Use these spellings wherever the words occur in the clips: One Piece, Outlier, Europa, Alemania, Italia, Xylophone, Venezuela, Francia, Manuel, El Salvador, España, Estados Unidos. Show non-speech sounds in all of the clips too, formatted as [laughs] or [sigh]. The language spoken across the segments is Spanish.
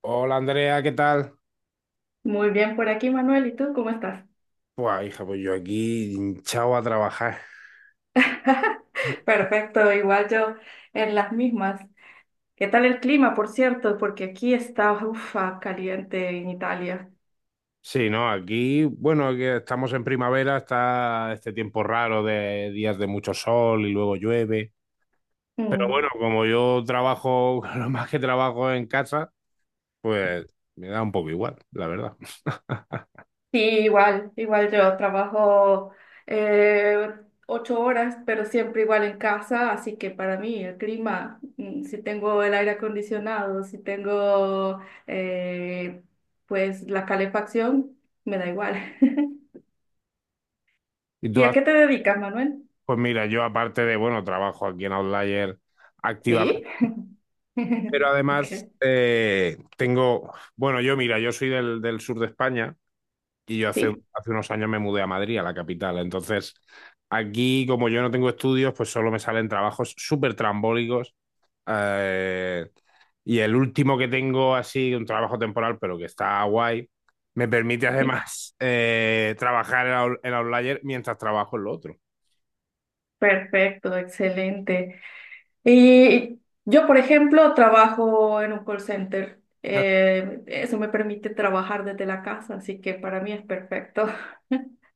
Hola Andrea, ¿qué tal? Muy bien por aquí, Manuel. ¿Y tú cómo estás? Pues hija, pues yo aquí hinchado a trabajar. [laughs] Perfecto, igual yo en las mismas. ¿Qué tal el clima, por cierto? Porque aquí está, ufa, caliente en Italia. Sí, ¿no? Aquí, bueno, que estamos en primavera, está este tiempo raro de días de mucho sol y luego llueve. Pero Mm. bueno, como yo trabajo, [laughs] lo más que trabajo en casa, pues me da un poco igual, la verdad. [laughs] Sí, igual yo trabajo eh, 8 horas, pero siempre igual en casa, así que para mí el clima, si tengo el aire acondicionado, si tengo eh, pues la calefacción, me da igual. [laughs] Y ¿Y a qué te dedicas, Manuel? pues mira, yo aparte de, bueno, trabajo aquí en Outlier activamente, Sí. pero [laughs] además Okay. Tengo, bueno, yo mira, yo soy del sur de España. Y yo hace, Sí, hace unos años me mudé a Madrid, a la capital. Entonces, aquí, como yo no tengo estudios, pues solo me salen trabajos súper trambólicos. Eh, y el último que tengo, así, un trabajo temporal, pero que está guay, me permite sí, además trabajar en Outlier mientras trabajo en lo otro. perfecto, excelente. Y yo, por ejemplo, trabajo en un call center. Eso me permite trabajar desde la casa, así que para mí es perfecto. [laughs]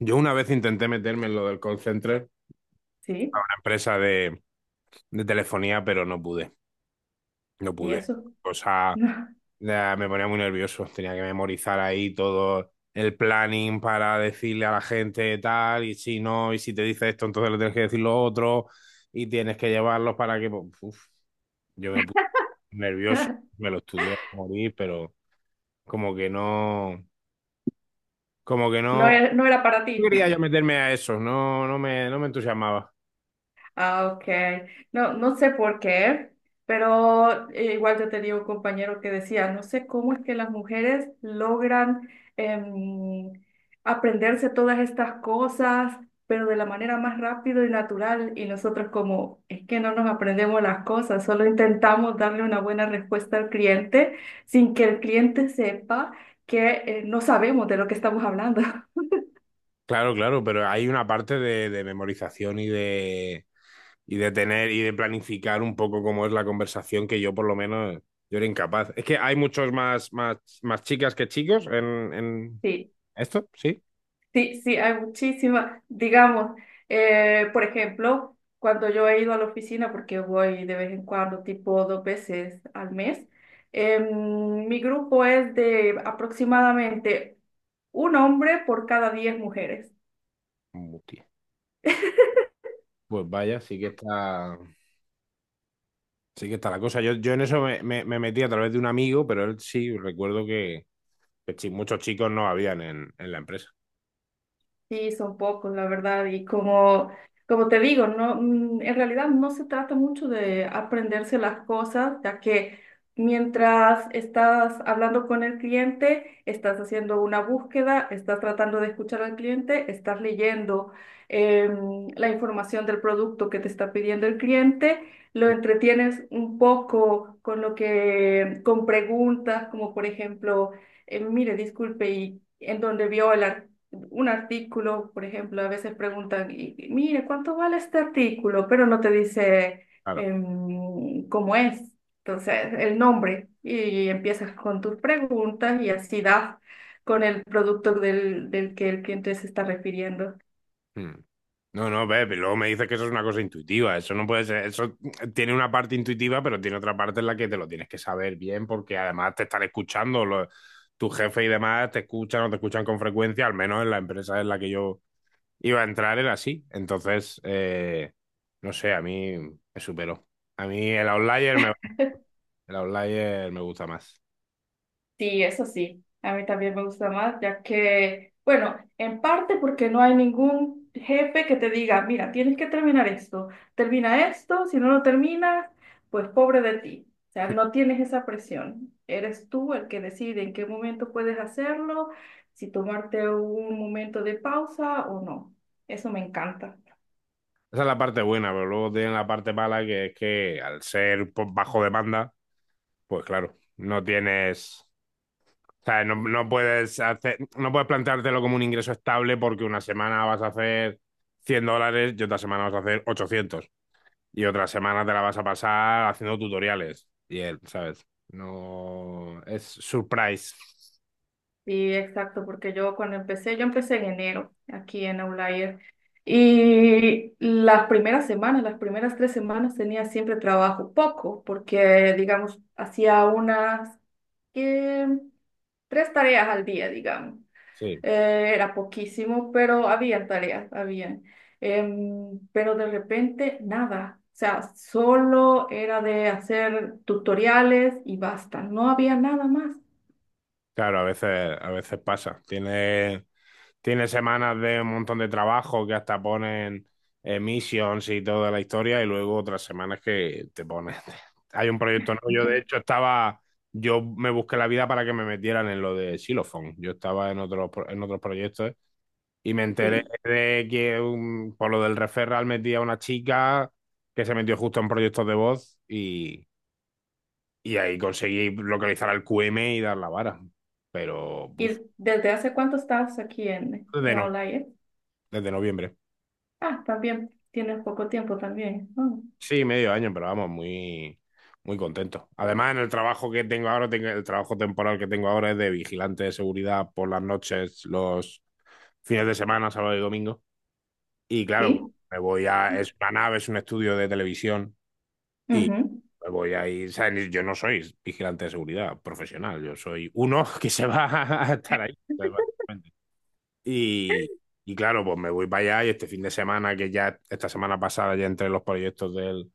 Yo una vez intenté meterme en lo del call center, Sí, una empresa de telefonía, pero no y pude. eso. [laughs] Cosa. No, Ya, me ponía muy nervioso, tenía que memorizar ahí todo el planning para decirle a la gente tal, y si no, y si te dice esto, entonces le tienes que decir lo otro, y tienes que llevarlos para que pues, uf, yo me puse nervioso, me lo estudié a morir, pero como que no, como que no no era para no ti. quería yo meterme a eso, no, no me entusiasmaba. Ah, ok. No, no sé por qué, pero igual yo tenía un compañero que decía, no sé cómo es que las mujeres logran em, aprenderse todas estas cosas, pero de la manera más rápido y natural, y nosotros como, es que no nos aprendemos las cosas, solo intentamos darle una buena respuesta al cliente sin que el cliente sepa que no sabemos de lo que estamos hablando. [laughs] Claro, claro, pero hay una parte de memorización y de tener y de planificar un poco cómo es la conversación que yo por lo menos yo era incapaz. Es que hay más chicas que chicos en Sí. esto, ¿sí? Sí, sí, hay muchísimas. Digamos, por ejemplo, cuando yo he ido a la oficina, porque voy de vez en cuando, tipo dos veces al mes, mi grupo es de aproximadamente un hombre por cada 10 mujeres. Hostia. [laughs] Pues vaya, sí que está la cosa. Yo en eso me metí a través de un amigo, pero él sí, recuerdo muchos chicos no habían en la empresa. Sí, son pocos, la verdad. Y como, como te digo, no, en realidad no se trata mucho de aprenderse las cosas, ya que mientras estás hablando con el cliente, estás haciendo una búsqueda, estás tratando de escuchar al cliente, estás leyendo la información del producto que te está pidiendo el cliente, lo entretienes un poco con lo que, con preguntas, como por ejemplo, mire, disculpe, ¿y en dónde vio el artículo? Un artículo, por ejemplo, a veces preguntan, y, mire, ¿cuánto vale este artículo? Pero no te dice Claro. Cómo es, entonces el nombre, y empiezas con tus preguntas y así das con el producto del que el cliente se está refiriendo. Hmm. No, no, ve, pero luego me dices que eso es una cosa intuitiva, eso no puede ser, eso tiene una parte intuitiva, pero tiene otra parte en la que te lo tienes que saber bien, porque además te están escuchando, los, tu jefe y demás te escuchan o te escuchan con frecuencia, al menos en la empresa en la que yo iba a entrar era así, entonces, no sé, a mí me superó, a mí el outlier me gusta más. Sí, eso sí, a mí también me gusta más, ya que, bueno, en parte porque no hay ningún jefe que te diga, mira, tienes que terminar esto, termina esto, si no lo terminas, pues pobre de ti. O sea, no tienes esa presión. Eres tú el que decide en qué momento puedes hacerlo, si tomarte un momento de pausa o no. Eso me encanta. Esa es la parte buena, pero luego tiene la parte mala que es que al ser pues, bajo demanda, pues claro, no tienes. O sea, no puedes hacer, no puedes planteártelo como un ingreso estable porque una semana vas a hacer $100 y otra semana vas a hacer 800. Y otra semana te la vas a pasar haciendo tutoriales. Y él, ¿sabes? No. Es surprise. Sí, exacto, porque yo cuando empecé, yo empecé en enero aquí en Outlier y las primeras semanas, las primeras 3 semanas tenía siempre trabajo, poco, porque digamos, hacía unas eh, tres tareas al día, digamos. Sí. Era poquísimo, pero había tareas, había. Pero de repente, nada. O sea, solo era de hacer tutoriales y basta, no había nada más. Claro, a veces pasa. Tiene semanas de un montón de trabajo que hasta ponen missions y toda la historia, y luego otras semanas que te ponen. [laughs] Hay un proyecto nuevo. Yo, de hecho, [laughs] estaba. Yo me busqué la vida para que me metieran en lo de Xylophone. Yo estaba en en otros proyectos y me enteré Sí. de que por lo del referral metí a una chica que se metió justo en proyectos de y ahí conseguí localizar al QM y dar la vara. Pero ¿Y uf, desde hace cuánto estás aquí desde, en no- Outlier? desde noviembre. Ah, también tienes poco tiempo también. Oh, Sí, medio año, pero vamos, muy contento. Además, en el trabajo que tengo ahora, el trabajo temporal que tengo ahora es de vigilante de seguridad por las noches, los fines de semana, sábado y domingo. Y claro, ¿sí? Es una nave, es un estudio de televisión y Ujú. me voy a ir, o yo no soy vigilante de seguridad profesional, yo soy uno [laughs] que se va [laughs] a estar ahí básicamente. Y, y claro, pues me voy para allá y este fin de semana, que ya esta semana pasada, ya entre los proyectos del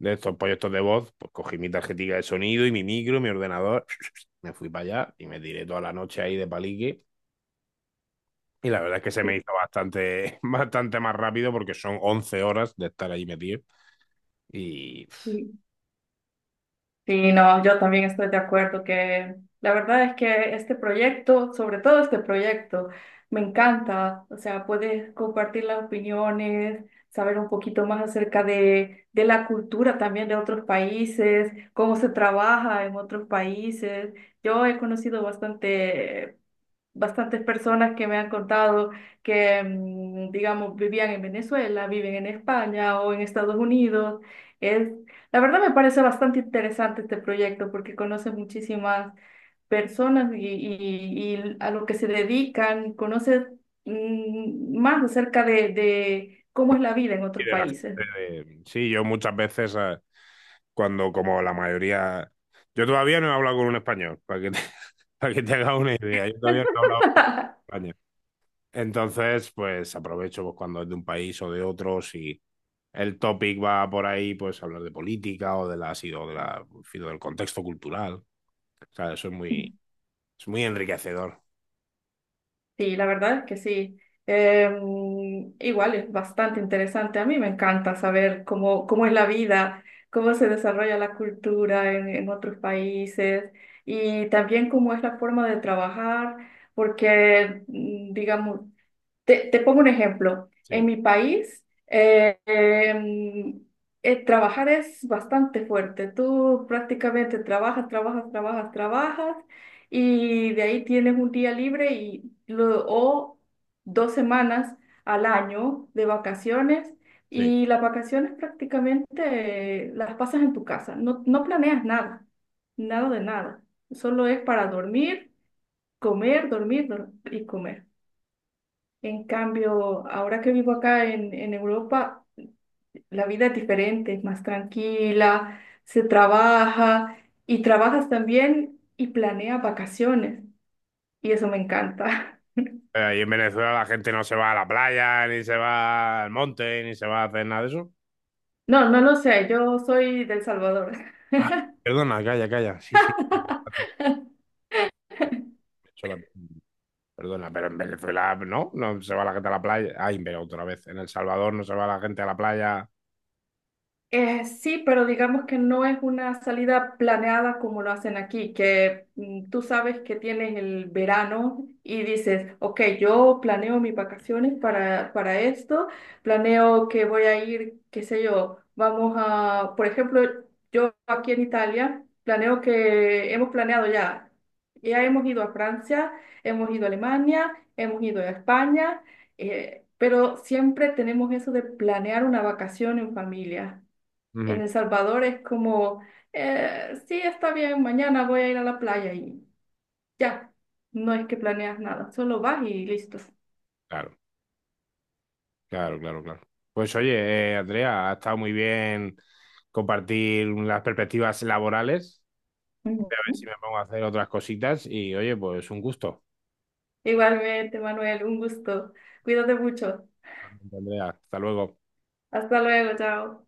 de estos proyectos de voz, pues cogí mi tarjetita de sonido y mi micro, mi ordenador, [laughs] me fui para allá y me tiré toda la noche ahí de palique. Y la verdad es que se me Sí, hizo [laughs] bastante más rápido porque son 11 horas de estar ahí metido. Y, sí. Sí, no, yo también estoy de acuerdo que la verdad es que este proyecto, sobre todo este proyecto, me encanta. O sea, puedes compartir las opiniones, saber un poquito más acerca de la cultura también de otros países, cómo se trabaja en otros países. Yo he conocido bastantes personas que me han contado que, digamos, vivían en Venezuela, viven en España o en Estados Unidos. Es, la verdad me parece bastante interesante este proyecto porque conoces muchísimas personas y a lo que se dedican, conoces más acerca de cómo es la vida en y otros de la países. gente, sí, yo muchas veces, cuando como la mayoría, yo todavía no he hablado con un español, [laughs] [laughs] para que te hagas una idea, yo todavía no he hablado con un [laughs] español. Entonces, pues aprovecho pues, cuando es de un país o de otro, si el topic va por ahí, pues hablar de política o de la, en del contexto cultural. O sea, es muy enriquecedor. Sí, la verdad es que sí. Eh, igual es bastante interesante. A mí me encanta saber cómo, cómo es la vida, cómo se desarrolla la cultura en otros países y también cómo es la forma de trabajar, porque, digamos, te pongo un ejemplo. Sí, En mi país, trabajar es bastante fuerte. Tú prácticamente trabajas, trabajas, trabajas, trabajas y de ahí tienes un día libre o 2 semanas al año de vacaciones sí. y las vacaciones prácticamente las pasas en tu casa. No, no planeas nada, nada de nada. Solo es para dormir, comer, y comer. En cambio, ahora que vivo acá en Europa, la vida es diferente, es más tranquila, se trabaja y trabajas también y planeas vacaciones. Y eso me encanta. [laughs] Pero ahí en Venezuela la gente no se va a la playa, ni se va al monte, ni se va a hacer nada de eso. No, no lo sé, yo soy del Salvador. Ah, perdona, calla, calla. Sí, sí, lo has dicho. He hecho la. Perdona, pero en Venezuela no se va la gente a la playa. Ay, pero otra vez, en El Salvador no se va la gente a la playa. Sí, pero digamos que no es una salida planeada como lo hacen aquí, que tú sabes que tienes el verano y dices, ok, yo planeo mis vacaciones para esto, planeo que voy a ir, qué sé yo, vamos a, por ejemplo, yo aquí en Italia, planeo que hemos planeado ya, ya hemos ido a Francia, hemos ido a Alemania, hemos ido a España, pero siempre tenemos eso de planear una vacación en familia. En Ujú. El Salvador es como, sí, está bien, mañana voy a ir a la playa y ya, no es que planeas nada, solo vas y listo. Claro. Claro, claro, claro. Pues oye, Andrea, ha estado muy bien compartir las perspectivas laborales. Voy a ver Ujú. si me pongo a hacer otras cositas y oye, pues un gusto. Igualmente, Manuel, un gusto. Cuídate mucho. Andrea, hasta luego. Hasta luego, chao.